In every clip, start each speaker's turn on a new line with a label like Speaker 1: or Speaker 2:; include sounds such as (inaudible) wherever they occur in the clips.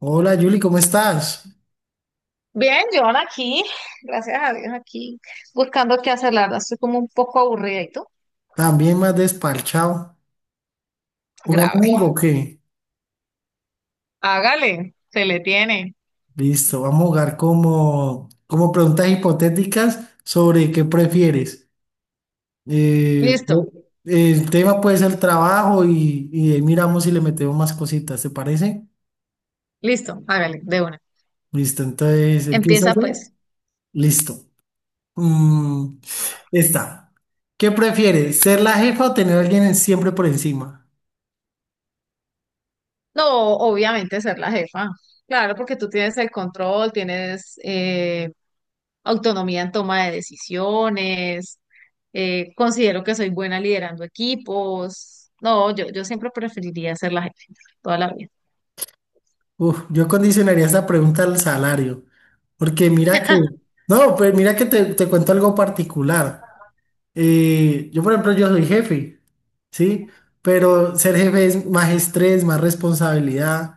Speaker 1: Hola Yuli, ¿cómo estás?
Speaker 2: Bien, John aquí, gracias a Dios, aquí buscando qué hacer, la verdad, estoy como un poco aburrida y tú,
Speaker 1: También más desparchado. ¿Jugamos algo
Speaker 2: grave.
Speaker 1: o qué?
Speaker 2: Hágale, se le tiene.
Speaker 1: Listo, vamos a jugar como preguntas hipotéticas sobre qué prefieres. Eh,
Speaker 2: Listo,
Speaker 1: el tema puede ser trabajo y ahí miramos si le metemos más cositas, ¿te parece?
Speaker 2: listo, hágale, de una.
Speaker 1: Listo, entonces empieza
Speaker 2: Empieza
Speaker 1: yo.
Speaker 2: pues.
Speaker 1: Listo. Mm, esta. ¿Qué prefieres? ¿Ser la jefa o tener a alguien siempre por encima?
Speaker 2: No, obviamente ser la jefa. Claro, porque tú tienes el control, tienes autonomía en toma de decisiones, considero que soy buena liderando equipos. No, yo siempre preferiría ser la jefa, toda la vida.
Speaker 1: Uf, yo condicionaría esta pregunta al salario. Porque mira que, no, pues mira que te cuento algo particular. Yo, por ejemplo, yo soy jefe, ¿sí? Pero ser jefe es más estrés, más responsabilidad.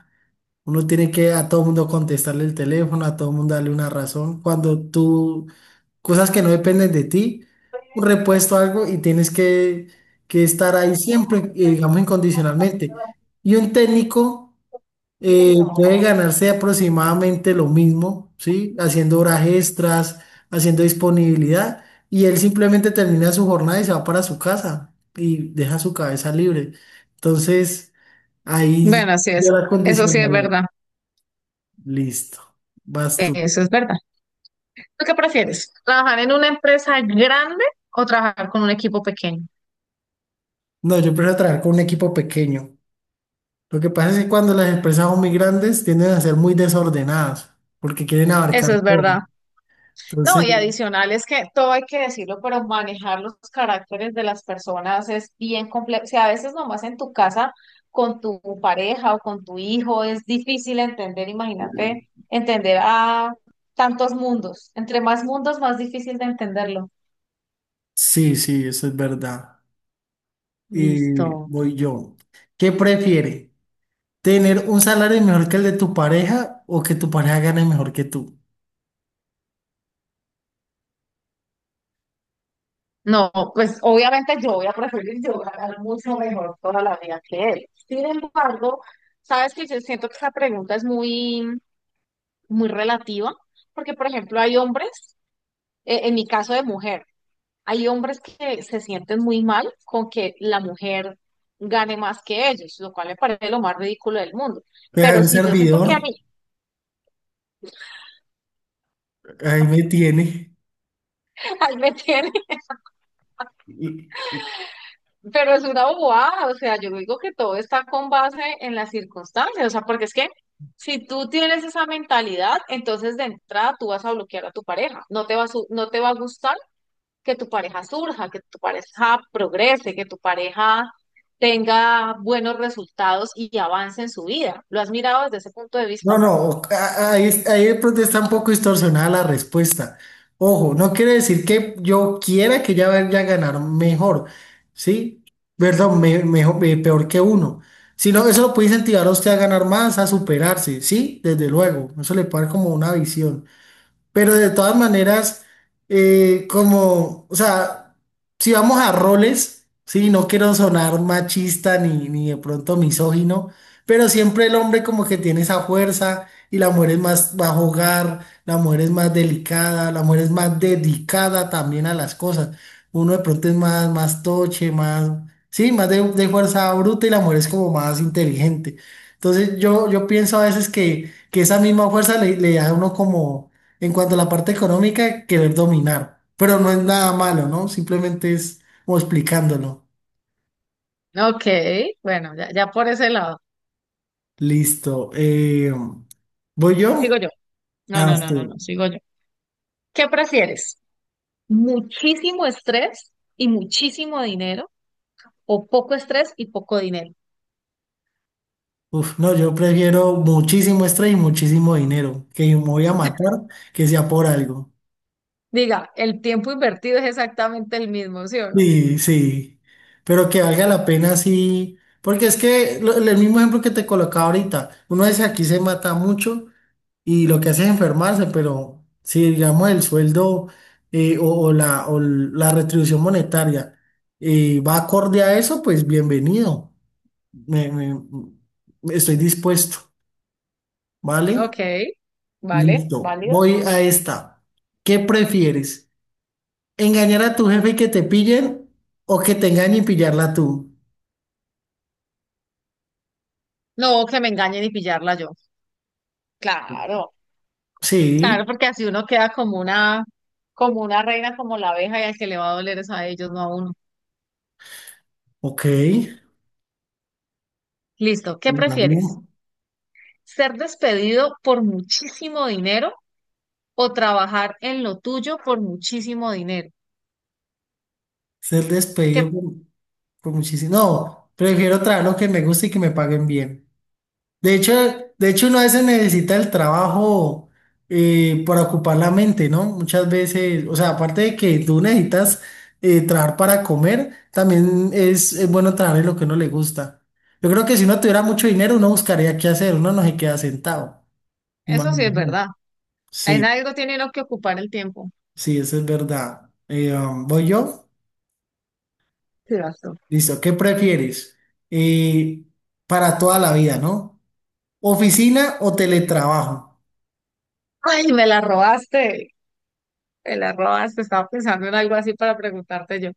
Speaker 1: Uno tiene que a todo mundo contestarle el teléfono, a todo mundo darle una razón. Cuando tú, cosas que no dependen de ti, un repuesto, algo, y tienes que estar ahí siempre, digamos, incondicionalmente. Y un técnico puede ganarse aproximadamente lo mismo, ¿sí? Haciendo horas extras, haciendo disponibilidad, y él simplemente termina su jornada y se va para su casa y deja su cabeza libre. Entonces, ahí
Speaker 2: Bueno, sí,
Speaker 1: yo
Speaker 2: eso,
Speaker 1: la
Speaker 2: eso sí es
Speaker 1: condicionaría.
Speaker 2: verdad.
Speaker 1: Listo, vas tú.
Speaker 2: Eso es verdad. ¿Tú qué prefieres? ¿Trabajar en una empresa grande o trabajar con un equipo pequeño?
Speaker 1: No, yo prefiero trabajar con un equipo pequeño. Lo que pasa es que cuando las empresas son muy grandes tienden a ser muy desordenadas porque quieren abarcar
Speaker 2: Eso es
Speaker 1: todo.
Speaker 2: verdad. No,
Speaker 1: Entonces,
Speaker 2: y adicional es que todo hay que decirlo, pero manejar los caracteres de las personas es bien complejo. O sea, a veces nomás en tu casa con tu pareja o con tu hijo es difícil entender, imagínate, entender a tantos mundos. Entre más mundos, más difícil de entenderlo.
Speaker 1: sí, sí, eso es verdad. Y
Speaker 2: Listo.
Speaker 1: voy yo. ¿Qué prefiere? ¿Tener un salario mejor que el de tu pareja o que tu pareja gane mejor que tú?
Speaker 2: No, pues obviamente yo voy a preferir yo ganar mucho mejor toda la vida que él. Sin embargo, sabes que yo siento que esa pregunta es muy, muy relativa, porque por ejemplo hay hombres, en mi caso de mujer, hay hombres que se sienten muy mal con que la mujer gane más que ellos, lo cual me parece lo más ridículo del mundo.
Speaker 1: Deja, hay
Speaker 2: Pero
Speaker 1: un
Speaker 2: si yo siento que a
Speaker 1: servidor,
Speaker 2: mí,
Speaker 1: ahí me tiene.
Speaker 2: (laughs) ahí me tiene.
Speaker 1: Y-
Speaker 2: Pero es una bobada, o sea, yo digo que todo está con base en las circunstancias, o sea, porque es que si tú tienes esa mentalidad, entonces de entrada tú vas a bloquear a tu pareja, no te va a, no te va a gustar que tu pareja surja, que tu pareja progrese, que tu pareja tenga buenos resultados y avance en su vida. ¿Lo has mirado desde ese punto de vista?
Speaker 1: No, no, ahí, ahí de pronto está un poco distorsionada la respuesta. Ojo, no quiere decir que yo quiera que ella vaya a ganar mejor, ¿sí? Perdón, mejor, peor que uno. Sino eso lo puede incentivar a usted a ganar más, a superarse, ¿sí? Desde luego, eso le puede dar como una visión. Pero de todas maneras, como, o sea, si vamos a roles, sí, no quiero sonar machista ni de pronto misógino, pero siempre el hombre como que tiene esa fuerza y la mujer es más, va a jugar, la mujer es más delicada, la mujer es más dedicada también a las cosas. Uno de pronto es más, más toche, más, sí, más de fuerza bruta y la mujer es como más inteligente. Entonces yo pienso a veces que esa misma fuerza le da a uno como en cuanto a la parte económica, querer dominar. Pero no es nada malo, ¿no? Simplemente es como explicándolo.
Speaker 2: Ok, bueno, ya, ya por ese lado.
Speaker 1: Listo. ¿Voy
Speaker 2: Sigo
Speaker 1: yo?
Speaker 2: yo. No,
Speaker 1: Ah,
Speaker 2: no, no, no, no,
Speaker 1: sí.
Speaker 2: sigo yo. ¿Qué prefieres? ¿Muchísimo estrés y muchísimo dinero o poco estrés y poco dinero?
Speaker 1: Uf, no, yo prefiero muchísimo estrés y muchísimo dinero. Que me voy a matar, que sea por algo.
Speaker 2: Diga, el tiempo invertido es exactamente el mismo, ¿sí o no?
Speaker 1: Sí, sí, pero que valga la pena sí, porque es que el mismo ejemplo que te colocaba ahorita, uno dice aquí se mata mucho, y lo que hace es enfermarse, pero si digamos el sueldo o, o la retribución monetaria va acorde a eso, pues bienvenido. Me, me- Estoy dispuesto, ¿vale?
Speaker 2: Ok, vale,
Speaker 1: Listo,
Speaker 2: válido.
Speaker 1: voy a esta. ¿Qué prefieres? ¿Engañar a tu jefe y que te pillen o que te engañen y pillarla tú?
Speaker 2: No, que me engañen y pillarla yo. Claro, claro,
Speaker 1: Sí,
Speaker 2: porque así uno queda como una reina, como la abeja, y al que le va a doler es a ellos, no a uno.
Speaker 1: ok.
Speaker 2: Listo, ¿qué prefieres?
Speaker 1: Válido.
Speaker 2: ¿Ser despedido por muchísimo dinero o trabajar en lo tuyo por muchísimo dinero?
Speaker 1: Ser
Speaker 2: Que
Speaker 1: despedido por muchísimo. No, prefiero trabajar lo que me gusta y que me paguen bien. De hecho, de hecho uno a veces necesita el trabajo para ocupar la mente, ¿no? Muchas veces, o sea, aparte de que tú necesitas trabajar para comer, también es bueno trabajar en lo que uno le gusta. Yo creo que si uno tuviera mucho dinero, uno buscaría qué hacer, uno no se queda sentado.
Speaker 2: eso sí es
Speaker 1: Imagínate.
Speaker 2: verdad. En
Speaker 1: Sí,
Speaker 2: algo tiene uno que ocupar el tiempo.
Speaker 1: sí, eso es verdad. ¿Voy yo?
Speaker 2: Sí,
Speaker 1: Listo, ¿qué prefieres? Eh, para toda la vida, ¿no? ¿Oficina o teletrabajo?
Speaker 2: ay, me la robaste, me la robaste. Estaba pensando en algo así para preguntarte yo.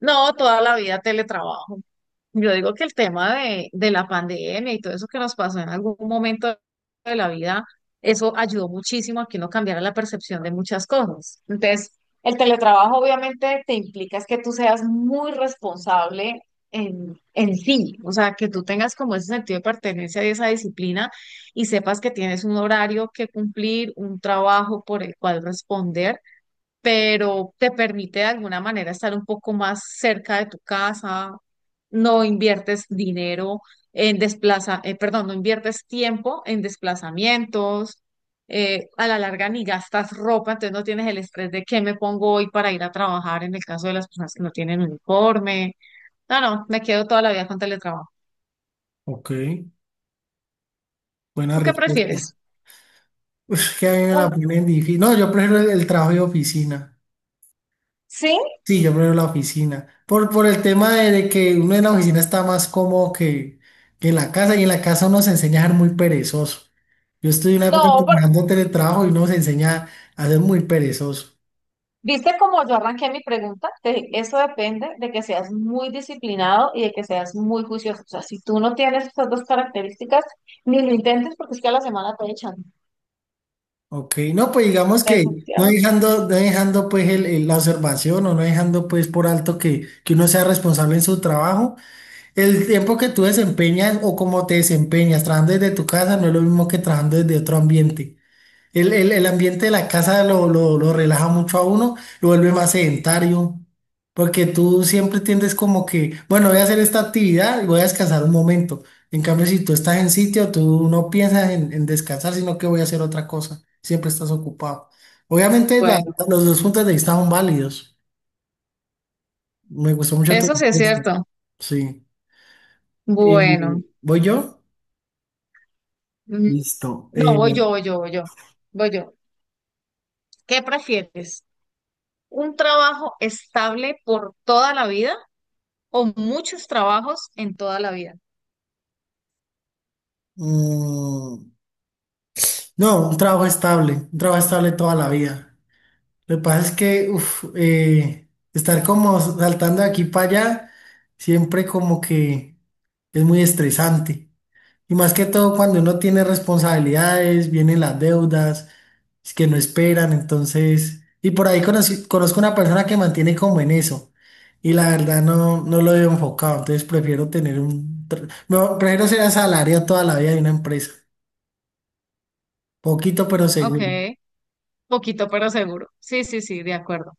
Speaker 2: No, toda la vida teletrabajo. Yo digo que el tema de la pandemia y todo eso que nos pasó en algún momento de la vida, eso ayudó muchísimo a que uno cambiara la percepción de muchas cosas. Entonces, el teletrabajo obviamente te implica es que tú seas muy responsable en sí, o sea, que tú tengas como ese sentido de pertenencia y esa disciplina y sepas que tienes un horario que cumplir, un trabajo por el cual responder pero te permite de alguna manera estar un poco más cerca de tu casa, no inviertes dinero perdón, no inviertes tiempo en desplazamientos, a la larga ni gastas ropa, entonces no tienes el estrés de qué me pongo hoy para ir a trabajar en el caso de las personas que no tienen uniforme. No, no, me quedo toda la vida con teletrabajo.
Speaker 1: Ok, buena
Speaker 2: ¿Tú qué
Speaker 1: respuesta.
Speaker 2: prefieres?
Speaker 1: Uf, que a mí me la
Speaker 2: Un.
Speaker 1: ponen difícil. No, yo prefiero el trabajo de oficina.
Speaker 2: ¿Sí?
Speaker 1: Sí, yo prefiero la oficina. Por el tema de que uno en la oficina está más cómodo que en la casa y en la casa uno se enseña a ser muy perezoso. Yo estuve en una época
Speaker 2: No,
Speaker 1: trabajando teletrabajo y uno se enseña a ser muy perezoso.
Speaker 2: ¿viste cómo yo arranqué mi pregunta? Te dije, eso depende de que seas muy disciplinado y de que seas muy juicioso. O sea, si tú no tienes esas dos características, ni lo intentes porque es que a la semana te echan.
Speaker 1: Ok, no, pues digamos que no
Speaker 2: Definitivamente.
Speaker 1: dejando, no dejando pues la observación o no dejando pues por alto que uno sea responsable en su trabajo. El tiempo que tú desempeñas o cómo te desempeñas trabajando desde tu casa no es lo mismo que trabajando desde otro ambiente. El ambiente de la casa lo relaja mucho a uno, lo vuelve más sedentario, porque tú siempre tiendes como que, bueno, voy a hacer esta actividad y voy a descansar un momento. En cambio, si tú estás en sitio, tú no piensas en descansar, sino que voy a hacer otra cosa. Siempre estás ocupado. Obviamente,
Speaker 2: Bueno,
Speaker 1: los dos puntos de vista son válidos. Me gustó mucho tu
Speaker 2: eso sí es
Speaker 1: respuesta.
Speaker 2: cierto.
Speaker 1: Sí. Eh,
Speaker 2: Bueno,
Speaker 1: ¿Voy yo?
Speaker 2: mm,
Speaker 1: Listo.
Speaker 2: no, voy yo, voy yo, voy yo, voy yo. ¿Qué prefieres? ¿Un trabajo estable por toda la vida o muchos trabajos en toda la vida?
Speaker 1: Mm, no, un trabajo estable toda la vida. Lo que pasa es que uf, estar como saltando de aquí para allá, siempre como que es muy estresante. Y más que todo cuando uno tiene responsabilidades, vienen las deudas, es que no esperan, entonces, y por ahí conozco una persona que mantiene como en eso, y la verdad no, no lo veo enfocado, entonces prefiero tener un, no, prefiero ser asalariado toda la vida de una empresa, poquito pero
Speaker 2: Ok,
Speaker 1: seguro,
Speaker 2: poquito pero seguro. Sí, sí, sí, de acuerdo.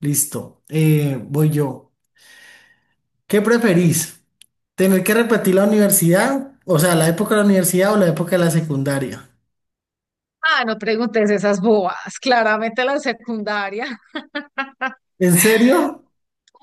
Speaker 1: listo, voy yo, ¿qué preferís? ¿Tener que repetir la universidad? O sea, ¿la época de la universidad o la época de la secundaria?
Speaker 2: Ah, no preguntes esas bobas. Claramente la secundaria.
Speaker 1: ¿En serio?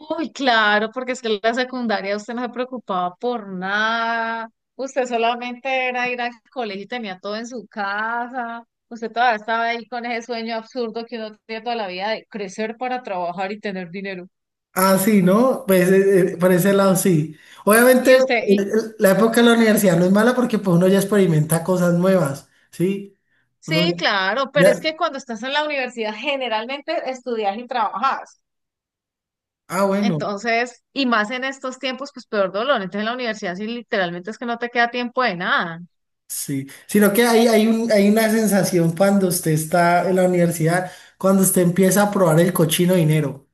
Speaker 2: Uy, claro, porque es que en la secundaria usted no se preocupaba por nada. Usted solamente era ir al colegio y tenía todo en su casa. Usted todavía estaba ahí con ese sueño absurdo que uno tiene toda la vida de crecer para trabajar y tener dinero.
Speaker 1: Ah, sí, ¿no? Pues por ese lado sí. Obviamente
Speaker 2: Y usted, y
Speaker 1: la época de la universidad no es mala porque pues uno ya experimenta cosas nuevas, ¿sí?
Speaker 2: sí,
Speaker 1: Uno
Speaker 2: claro, pero
Speaker 1: ya-
Speaker 2: es que cuando estás en la universidad generalmente estudias y trabajas.
Speaker 1: ah, bueno,
Speaker 2: Entonces, y más en estos tiempos, pues peor dolor. Entonces, en la universidad sí literalmente es que no te queda tiempo de nada.
Speaker 1: sí. Sino que hay un, hay una sensación cuando usted está en la universidad, cuando usted empieza a probar el cochino dinero,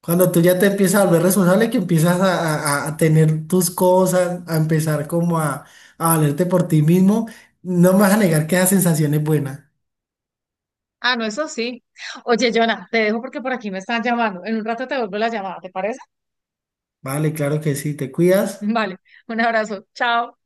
Speaker 1: cuando tú ya te empiezas a volver responsable, que empiezas a, tener tus cosas, a empezar como a valerte por ti mismo, no me vas a negar que esa sensación es buena.
Speaker 2: Ah, no, eso sí. Oye, Jonah, te dejo porque por aquí me están llamando. En un rato te vuelvo la llamada, ¿te parece?
Speaker 1: Vale, claro que sí, te cuidas.
Speaker 2: Vale, un abrazo. Chao.